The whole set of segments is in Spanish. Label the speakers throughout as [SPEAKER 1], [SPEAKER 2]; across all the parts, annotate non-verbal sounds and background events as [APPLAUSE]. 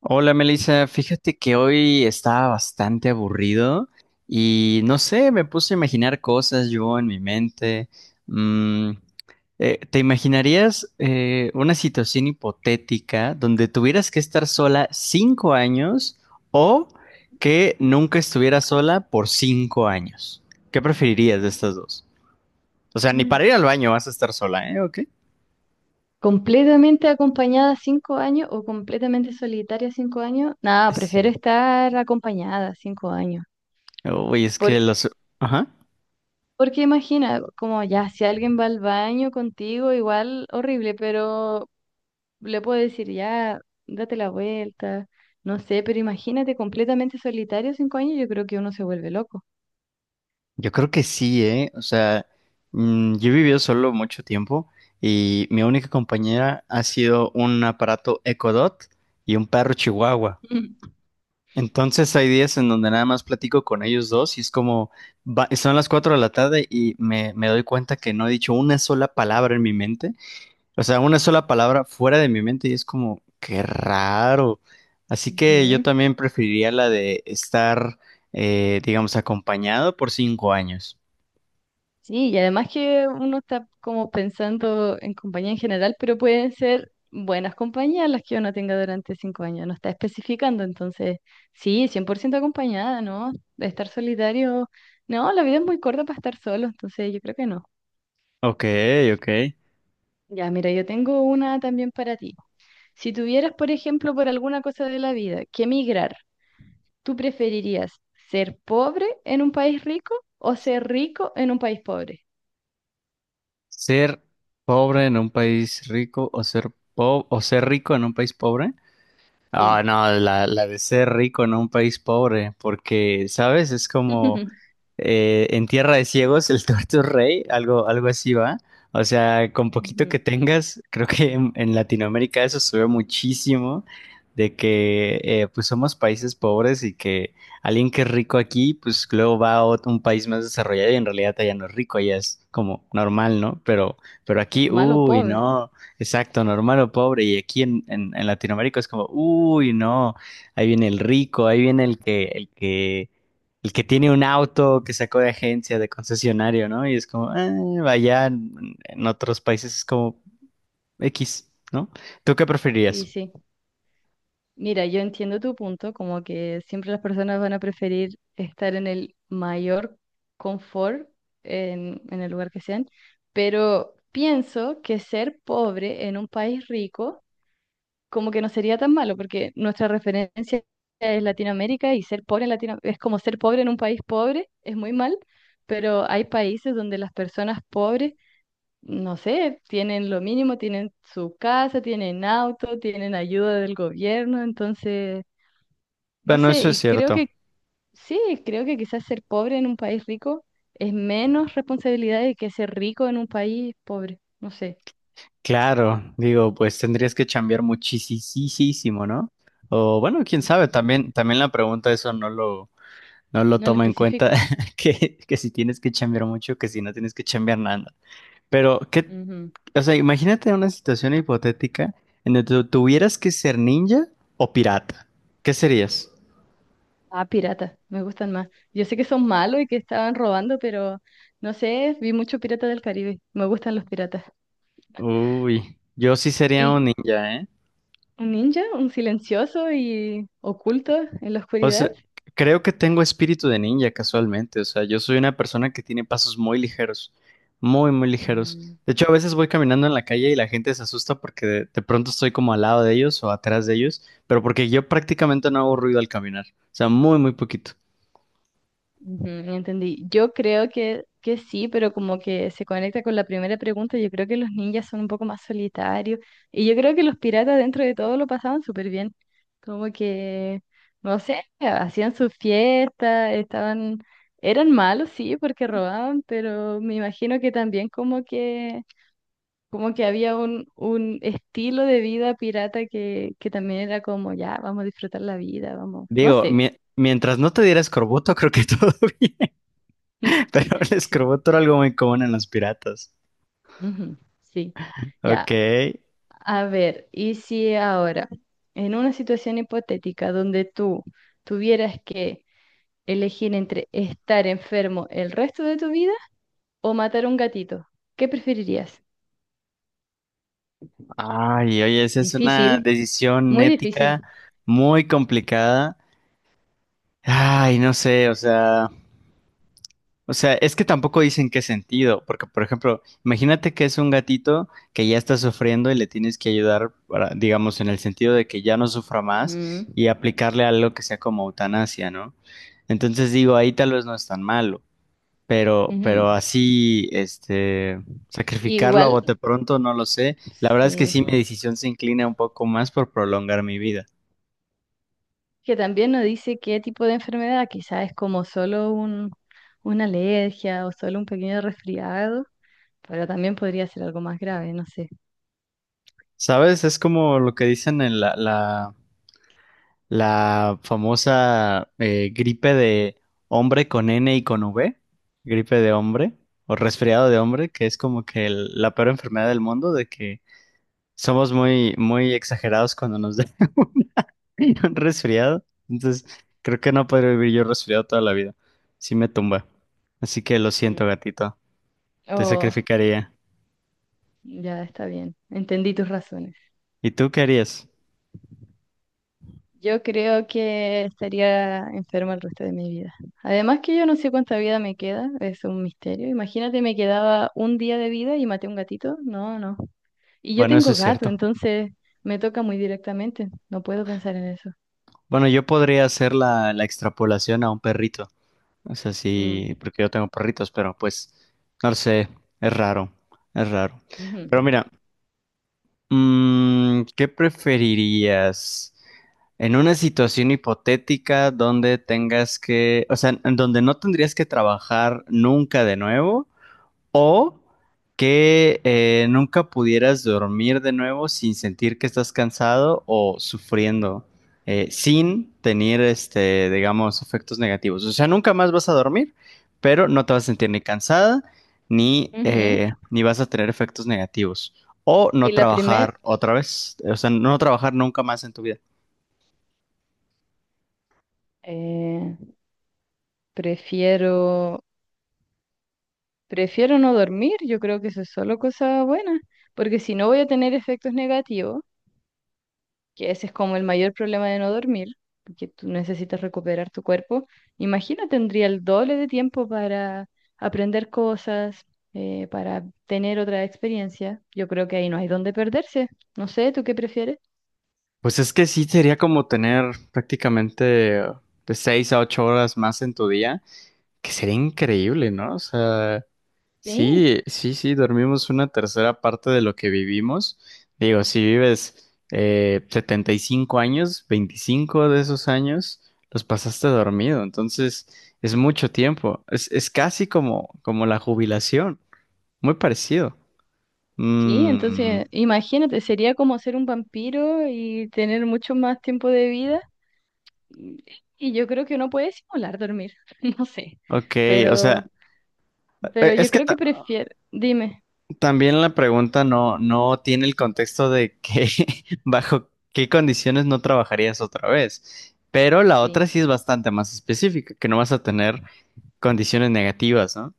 [SPEAKER 1] Hola Melissa, fíjate que hoy estaba bastante aburrido y no sé, me puse a imaginar cosas yo en mi mente. Mm, ¿Te imaginarías una situación hipotética donde tuvieras que estar sola 5 años o que nunca estuvieras sola por 5 años? ¿Qué preferirías de estas dos? O sea, ni
[SPEAKER 2] Mm.
[SPEAKER 1] para ir al baño vas a estar sola, ¿eh? ¿O?
[SPEAKER 2] ¿Completamente acompañada 5 años o completamente solitaria 5 años? Nada, prefiero
[SPEAKER 1] Sí.
[SPEAKER 2] estar acompañada 5 años.
[SPEAKER 1] Uy, es que
[SPEAKER 2] Porque,
[SPEAKER 1] los. Ajá.
[SPEAKER 2] porque imagina, como ya, si alguien va al baño contigo, igual horrible, pero le puedo decir, ya, date la vuelta, no sé, pero imagínate completamente solitario 5 años, yo creo que uno se vuelve loco.
[SPEAKER 1] Yo creo que sí, ¿eh? O sea, yo he vivido solo mucho tiempo y mi única compañera ha sido un aparato Echo Dot y un perro chihuahua. Entonces hay días en donde nada más platico con ellos dos y es como, son las 4 de la tarde y me doy cuenta que no he dicho una sola palabra en mi mente, o sea, una sola palabra fuera de mi mente y es como, qué raro.
[SPEAKER 2] [LAUGHS]
[SPEAKER 1] Así que yo
[SPEAKER 2] Ujú.
[SPEAKER 1] también preferiría la de estar, digamos, acompañado por 5 años.
[SPEAKER 2] Sí, y además que uno está como pensando en compañía en general, pero pueden ser buenas compañías las que uno tenga durante 5 años, no está especificando, entonces sí, 100% acompañada, ¿no? De estar solitario, no, la vida es muy corta para estar solo, entonces yo creo que no.
[SPEAKER 1] Ok, ok.
[SPEAKER 2] Ya, mira, yo tengo una también para ti. Si tuvieras, por ejemplo, por alguna cosa de la vida que emigrar, ¿tú preferirías ser pobre en un país rico o ser rico en un país pobre?
[SPEAKER 1] Ser pobre en un país rico o ser rico en un país pobre. Ah,
[SPEAKER 2] Sí.
[SPEAKER 1] no, la de ser rico en un país pobre, porque, ¿sabes? Es como
[SPEAKER 2] [LAUGHS]
[SPEAKER 1] en Tierra de Ciegos, el tuerto es rey, algo así va. O sea, con poquito que
[SPEAKER 2] Ujú.
[SPEAKER 1] tengas, creo que en Latinoamérica eso se ve muchísimo, de que pues somos países pobres y que alguien que es rico aquí, pues luego va a un país más desarrollado y en realidad allá no es rico, allá es como normal, ¿no? Pero aquí,
[SPEAKER 2] Normal o
[SPEAKER 1] uy,
[SPEAKER 2] pobre.
[SPEAKER 1] no, exacto, normal o pobre. Y aquí en Latinoamérica es como, uy, no, ahí viene el rico, ahí viene el que tiene un auto que sacó de agencia, de concesionario, ¿no? Y es como, vaya, en otros países es como X, ¿no? ¿Tú qué
[SPEAKER 2] Y
[SPEAKER 1] preferirías?
[SPEAKER 2] sí, mira, yo entiendo tu punto, como que siempre las personas van a preferir estar en el mayor confort en el lugar que sean, pero pienso que ser pobre en un país rico como que no sería tan malo, porque nuestra referencia es Latinoamérica y ser pobre en Latinoamérica es como ser pobre en un país pobre, es muy mal, pero hay países donde las personas pobres no sé, tienen lo mínimo, tienen su casa, tienen auto, tienen ayuda del gobierno, entonces, no
[SPEAKER 1] Bueno,
[SPEAKER 2] sé,
[SPEAKER 1] eso es
[SPEAKER 2] y creo
[SPEAKER 1] cierto.
[SPEAKER 2] que sí, creo que quizás ser pobre en un país rico es menos responsabilidad de que ser rico en un país pobre, no sé.
[SPEAKER 1] Claro, digo, pues tendrías que chambear muchísimo, ¿no? O bueno, quién
[SPEAKER 2] Ujú,
[SPEAKER 1] sabe, también la pregunta eso no lo
[SPEAKER 2] no lo
[SPEAKER 1] toma en cuenta,
[SPEAKER 2] especifica.
[SPEAKER 1] [LAUGHS] que si tienes que chambear mucho, que si no tienes que chambear nada. Pero, ¿qué?
[SPEAKER 2] Ujú.
[SPEAKER 1] O sea, imagínate una situación hipotética en donde tuvieras que ser ninja o pirata. ¿Qué serías?
[SPEAKER 2] Ah, piratas, me gustan más. Yo sé que son malos y que estaban robando, pero no sé, vi mucho Pirata del Caribe, me gustan los piratas.
[SPEAKER 1] Uy, yo sí sería un
[SPEAKER 2] Y
[SPEAKER 1] ninja, ¿eh?
[SPEAKER 2] un ninja, un silencioso y oculto en la
[SPEAKER 1] O sea,
[SPEAKER 2] oscuridad.
[SPEAKER 1] creo que tengo espíritu de ninja casualmente. O sea, yo soy una persona que tiene pasos muy ligeros, muy, muy ligeros.
[SPEAKER 2] Mm,
[SPEAKER 1] De hecho, a veces voy caminando en la calle y la gente se asusta porque de pronto estoy como al lado de ellos o atrás de ellos, pero porque yo prácticamente no hago ruido al caminar. O sea, muy, muy poquito.
[SPEAKER 2] ujú, entendí. Yo creo que sí, pero como que se conecta con la primera pregunta, yo creo que los ninjas son un poco más solitarios y yo creo que los piratas dentro de todo lo pasaban súper bien. Como que, no sé, hacían sus fiestas, estaban, eran malos, sí, porque robaban, pero me imagino que también como que había un estilo de vida pirata que también era como, ya, vamos a disfrutar la vida, vamos, no
[SPEAKER 1] Digo,
[SPEAKER 2] sé.
[SPEAKER 1] mientras no te diera escorbuto, [LAUGHS] creo que todo [LAUGHS] bien. Pero
[SPEAKER 2] [LAUGHS]
[SPEAKER 1] el
[SPEAKER 2] Sí.
[SPEAKER 1] escorbuto era algo muy común en los piratas.
[SPEAKER 2] Ujú, sí,
[SPEAKER 1] Ok.
[SPEAKER 2] ya. A ver, y si ahora, en una situación hipotética donde tú tuvieras que elegir entre estar enfermo el resto de tu vida o matar a un gatito, ¿qué preferirías?
[SPEAKER 1] Ay, oye, esa es una
[SPEAKER 2] Difícil,
[SPEAKER 1] decisión
[SPEAKER 2] muy difícil.
[SPEAKER 1] ética muy complicada. Ay, no sé, o sea, es que tampoco dicen qué sentido, porque por ejemplo, imagínate que es un gatito que ya está sufriendo y le tienes que ayudar para, digamos, en el sentido de que ya no sufra más
[SPEAKER 2] Ujú,
[SPEAKER 1] y aplicarle algo que sea como eutanasia, ¿no? Entonces digo, ahí tal vez no es tan malo. Pero,
[SPEAKER 2] ujú.
[SPEAKER 1] pero así, sacrificarlo a
[SPEAKER 2] Igual,
[SPEAKER 1] bote pronto, no lo sé. La verdad es que
[SPEAKER 2] sí,
[SPEAKER 1] sí, mi decisión se inclina un poco más por prolongar mi vida.
[SPEAKER 2] que también nos dice qué tipo de enfermedad, quizás es como solo un, una alergia o solo un pequeño resfriado, pero también podría ser algo más grave, no sé.
[SPEAKER 1] ¿Sabes? Es como lo que dicen en la famosa gripe de hombre con N y con V, gripe de hombre o resfriado de hombre, que es como que la peor enfermedad del mundo, de que somos muy, muy exagerados cuando nos da [LAUGHS] resfriado. Entonces, creo que no podré vivir yo resfriado toda la vida. Sí me tumba. Así que lo siento, gatito. Te
[SPEAKER 2] Oh,
[SPEAKER 1] sacrificaría.
[SPEAKER 2] ya está bien. Entendí tus razones.
[SPEAKER 1] ¿Y tú qué harías?
[SPEAKER 2] Yo creo que estaría enferma el resto de mi vida. Además que yo no sé cuánta vida me queda, es un misterio. Imagínate, me quedaba un día de vida y maté a un gatito. No, no. Y yo
[SPEAKER 1] Bueno, eso
[SPEAKER 2] tengo
[SPEAKER 1] es
[SPEAKER 2] gato,
[SPEAKER 1] cierto.
[SPEAKER 2] entonces me toca muy directamente. No puedo pensar en eso.
[SPEAKER 1] Bueno, yo podría hacer la extrapolación a un perrito. O sea,
[SPEAKER 2] Mm,
[SPEAKER 1] sí, porque yo tengo perritos, pero pues, no lo sé, es raro, es raro.
[SPEAKER 2] ujú,
[SPEAKER 1] Pero mira, ¿qué preferirías? En una situación hipotética donde tengas que, o sea, en donde no tendrías que trabajar nunca de nuevo, o que nunca pudieras dormir de nuevo sin sentir que estás cansado o sufriendo, sin tener, digamos, efectos negativos. O sea, nunca más vas a dormir, pero no te vas a sentir ni cansada, ni,
[SPEAKER 2] ujú.
[SPEAKER 1] eh, ni vas a tener efectos negativos. O no
[SPEAKER 2] Y la primer,
[SPEAKER 1] trabajar otra vez, o sea, no trabajar nunca más en tu vida.
[SPEAKER 2] eh, prefiero, prefiero no dormir. Yo creo que eso es solo cosa buena, porque si no voy a tener efectos negativos. Que ese es como el mayor problema de no dormir, porque tú necesitas recuperar tu cuerpo. Imagina, tendría el doble de tiempo para aprender cosas, para tener otra experiencia. Yo creo que ahí no hay dónde perderse. No sé, ¿tú qué prefieres?
[SPEAKER 1] Pues es que sí sería como tener prácticamente de 6 a 8 horas más en tu día, que sería increíble, ¿no? O sea.
[SPEAKER 2] Sí,
[SPEAKER 1] Sí, sí, sí, dormimos una tercera parte de lo que vivimos. Digo, si vives 75 años, 25 de esos años los pasaste dormido, entonces es mucho tiempo. Es casi como la jubilación, muy parecido.
[SPEAKER 2] sí,
[SPEAKER 1] Mm,
[SPEAKER 2] entonces imagínate, sería como ser un vampiro y tener mucho más tiempo de vida. Y y yo creo que uno puede simular dormir, [LAUGHS] no sé,
[SPEAKER 1] ok, o
[SPEAKER 2] pero,
[SPEAKER 1] sea,
[SPEAKER 2] pero
[SPEAKER 1] es
[SPEAKER 2] yo
[SPEAKER 1] que
[SPEAKER 2] creo que
[SPEAKER 1] ta-
[SPEAKER 2] prefiero, dime,
[SPEAKER 1] También la pregunta no tiene el contexto de que [LAUGHS] bajo qué condiciones no trabajarías otra vez. Pero la otra
[SPEAKER 2] sí.
[SPEAKER 1] sí es bastante más específica, que no vas a tener condiciones negativas, ¿no?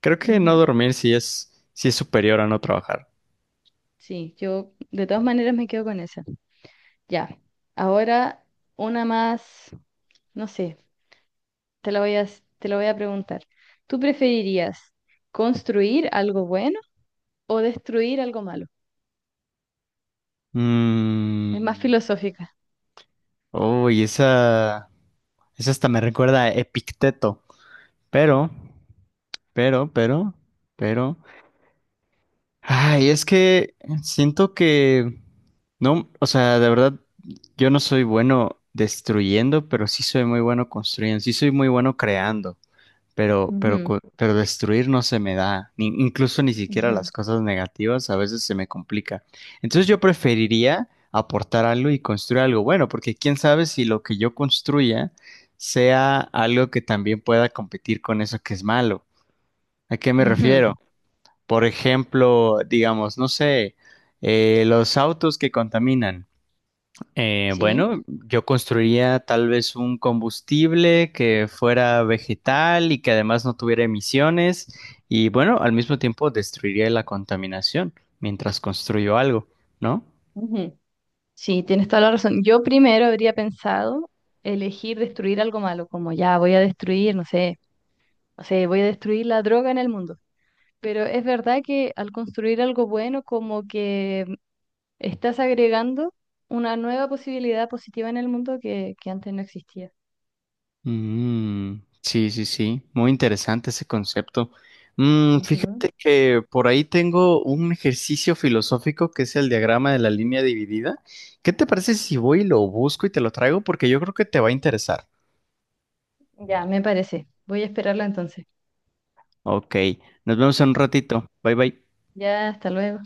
[SPEAKER 1] Creo que no
[SPEAKER 2] Ujú.
[SPEAKER 1] dormir sí es superior a no trabajar.
[SPEAKER 2] Sí, yo de todas maneras me quedo con esa. Ya. Ahora una más, no sé, te la voy a, te la voy a preguntar. ¿Tú preferirías construir algo bueno o destruir algo malo? Es más
[SPEAKER 1] Mm.
[SPEAKER 2] filosófica.
[SPEAKER 1] Uy, esa hasta me recuerda a Epicteto. Pero, pero, pero, pero. Ay, es que siento que no, o sea, de verdad, yo no soy bueno destruyendo, pero sí soy muy bueno construyendo, sí soy muy bueno creando, pero, pero,
[SPEAKER 2] Ujú,
[SPEAKER 1] co- pero destruir no se me da, incluso ni siquiera
[SPEAKER 2] ujú,
[SPEAKER 1] las cosas negativas a veces se me complica. Entonces yo preferiría aportar algo y construir algo bueno, porque quién sabe si lo que yo construya sea algo que también pueda competir con eso que es malo. ¿A qué me
[SPEAKER 2] ujú.
[SPEAKER 1] refiero? Por ejemplo, digamos, no sé, los autos que contaminan.
[SPEAKER 2] Sí,
[SPEAKER 1] Bueno, yo construiría tal vez un combustible que fuera vegetal y que además no tuviera emisiones y bueno, al mismo tiempo destruiría la contaminación mientras construyo algo, ¿no?
[SPEAKER 2] ujú. Sí, tienes toda la razón. Yo primero habría pensado elegir destruir algo malo, como ya voy a destruir, no sé, no sé, voy a destruir la droga en el mundo. Pero es verdad que al construir algo bueno, como que estás agregando una nueva posibilidad positiva en el mundo que antes no existía.
[SPEAKER 1] Mm, sí, sí, sí, muy interesante ese concepto.
[SPEAKER 2] Ujú.
[SPEAKER 1] Fíjate que por ahí tengo un ejercicio filosófico que es el diagrama de la línea dividida. ¿Qué te parece si voy y lo busco y te lo traigo? Porque yo creo que te va a interesar.
[SPEAKER 2] Ya, me parece. Voy a esperarla entonces.
[SPEAKER 1] Ok, nos vemos en un ratito. Bye bye.
[SPEAKER 2] Ya, hasta luego.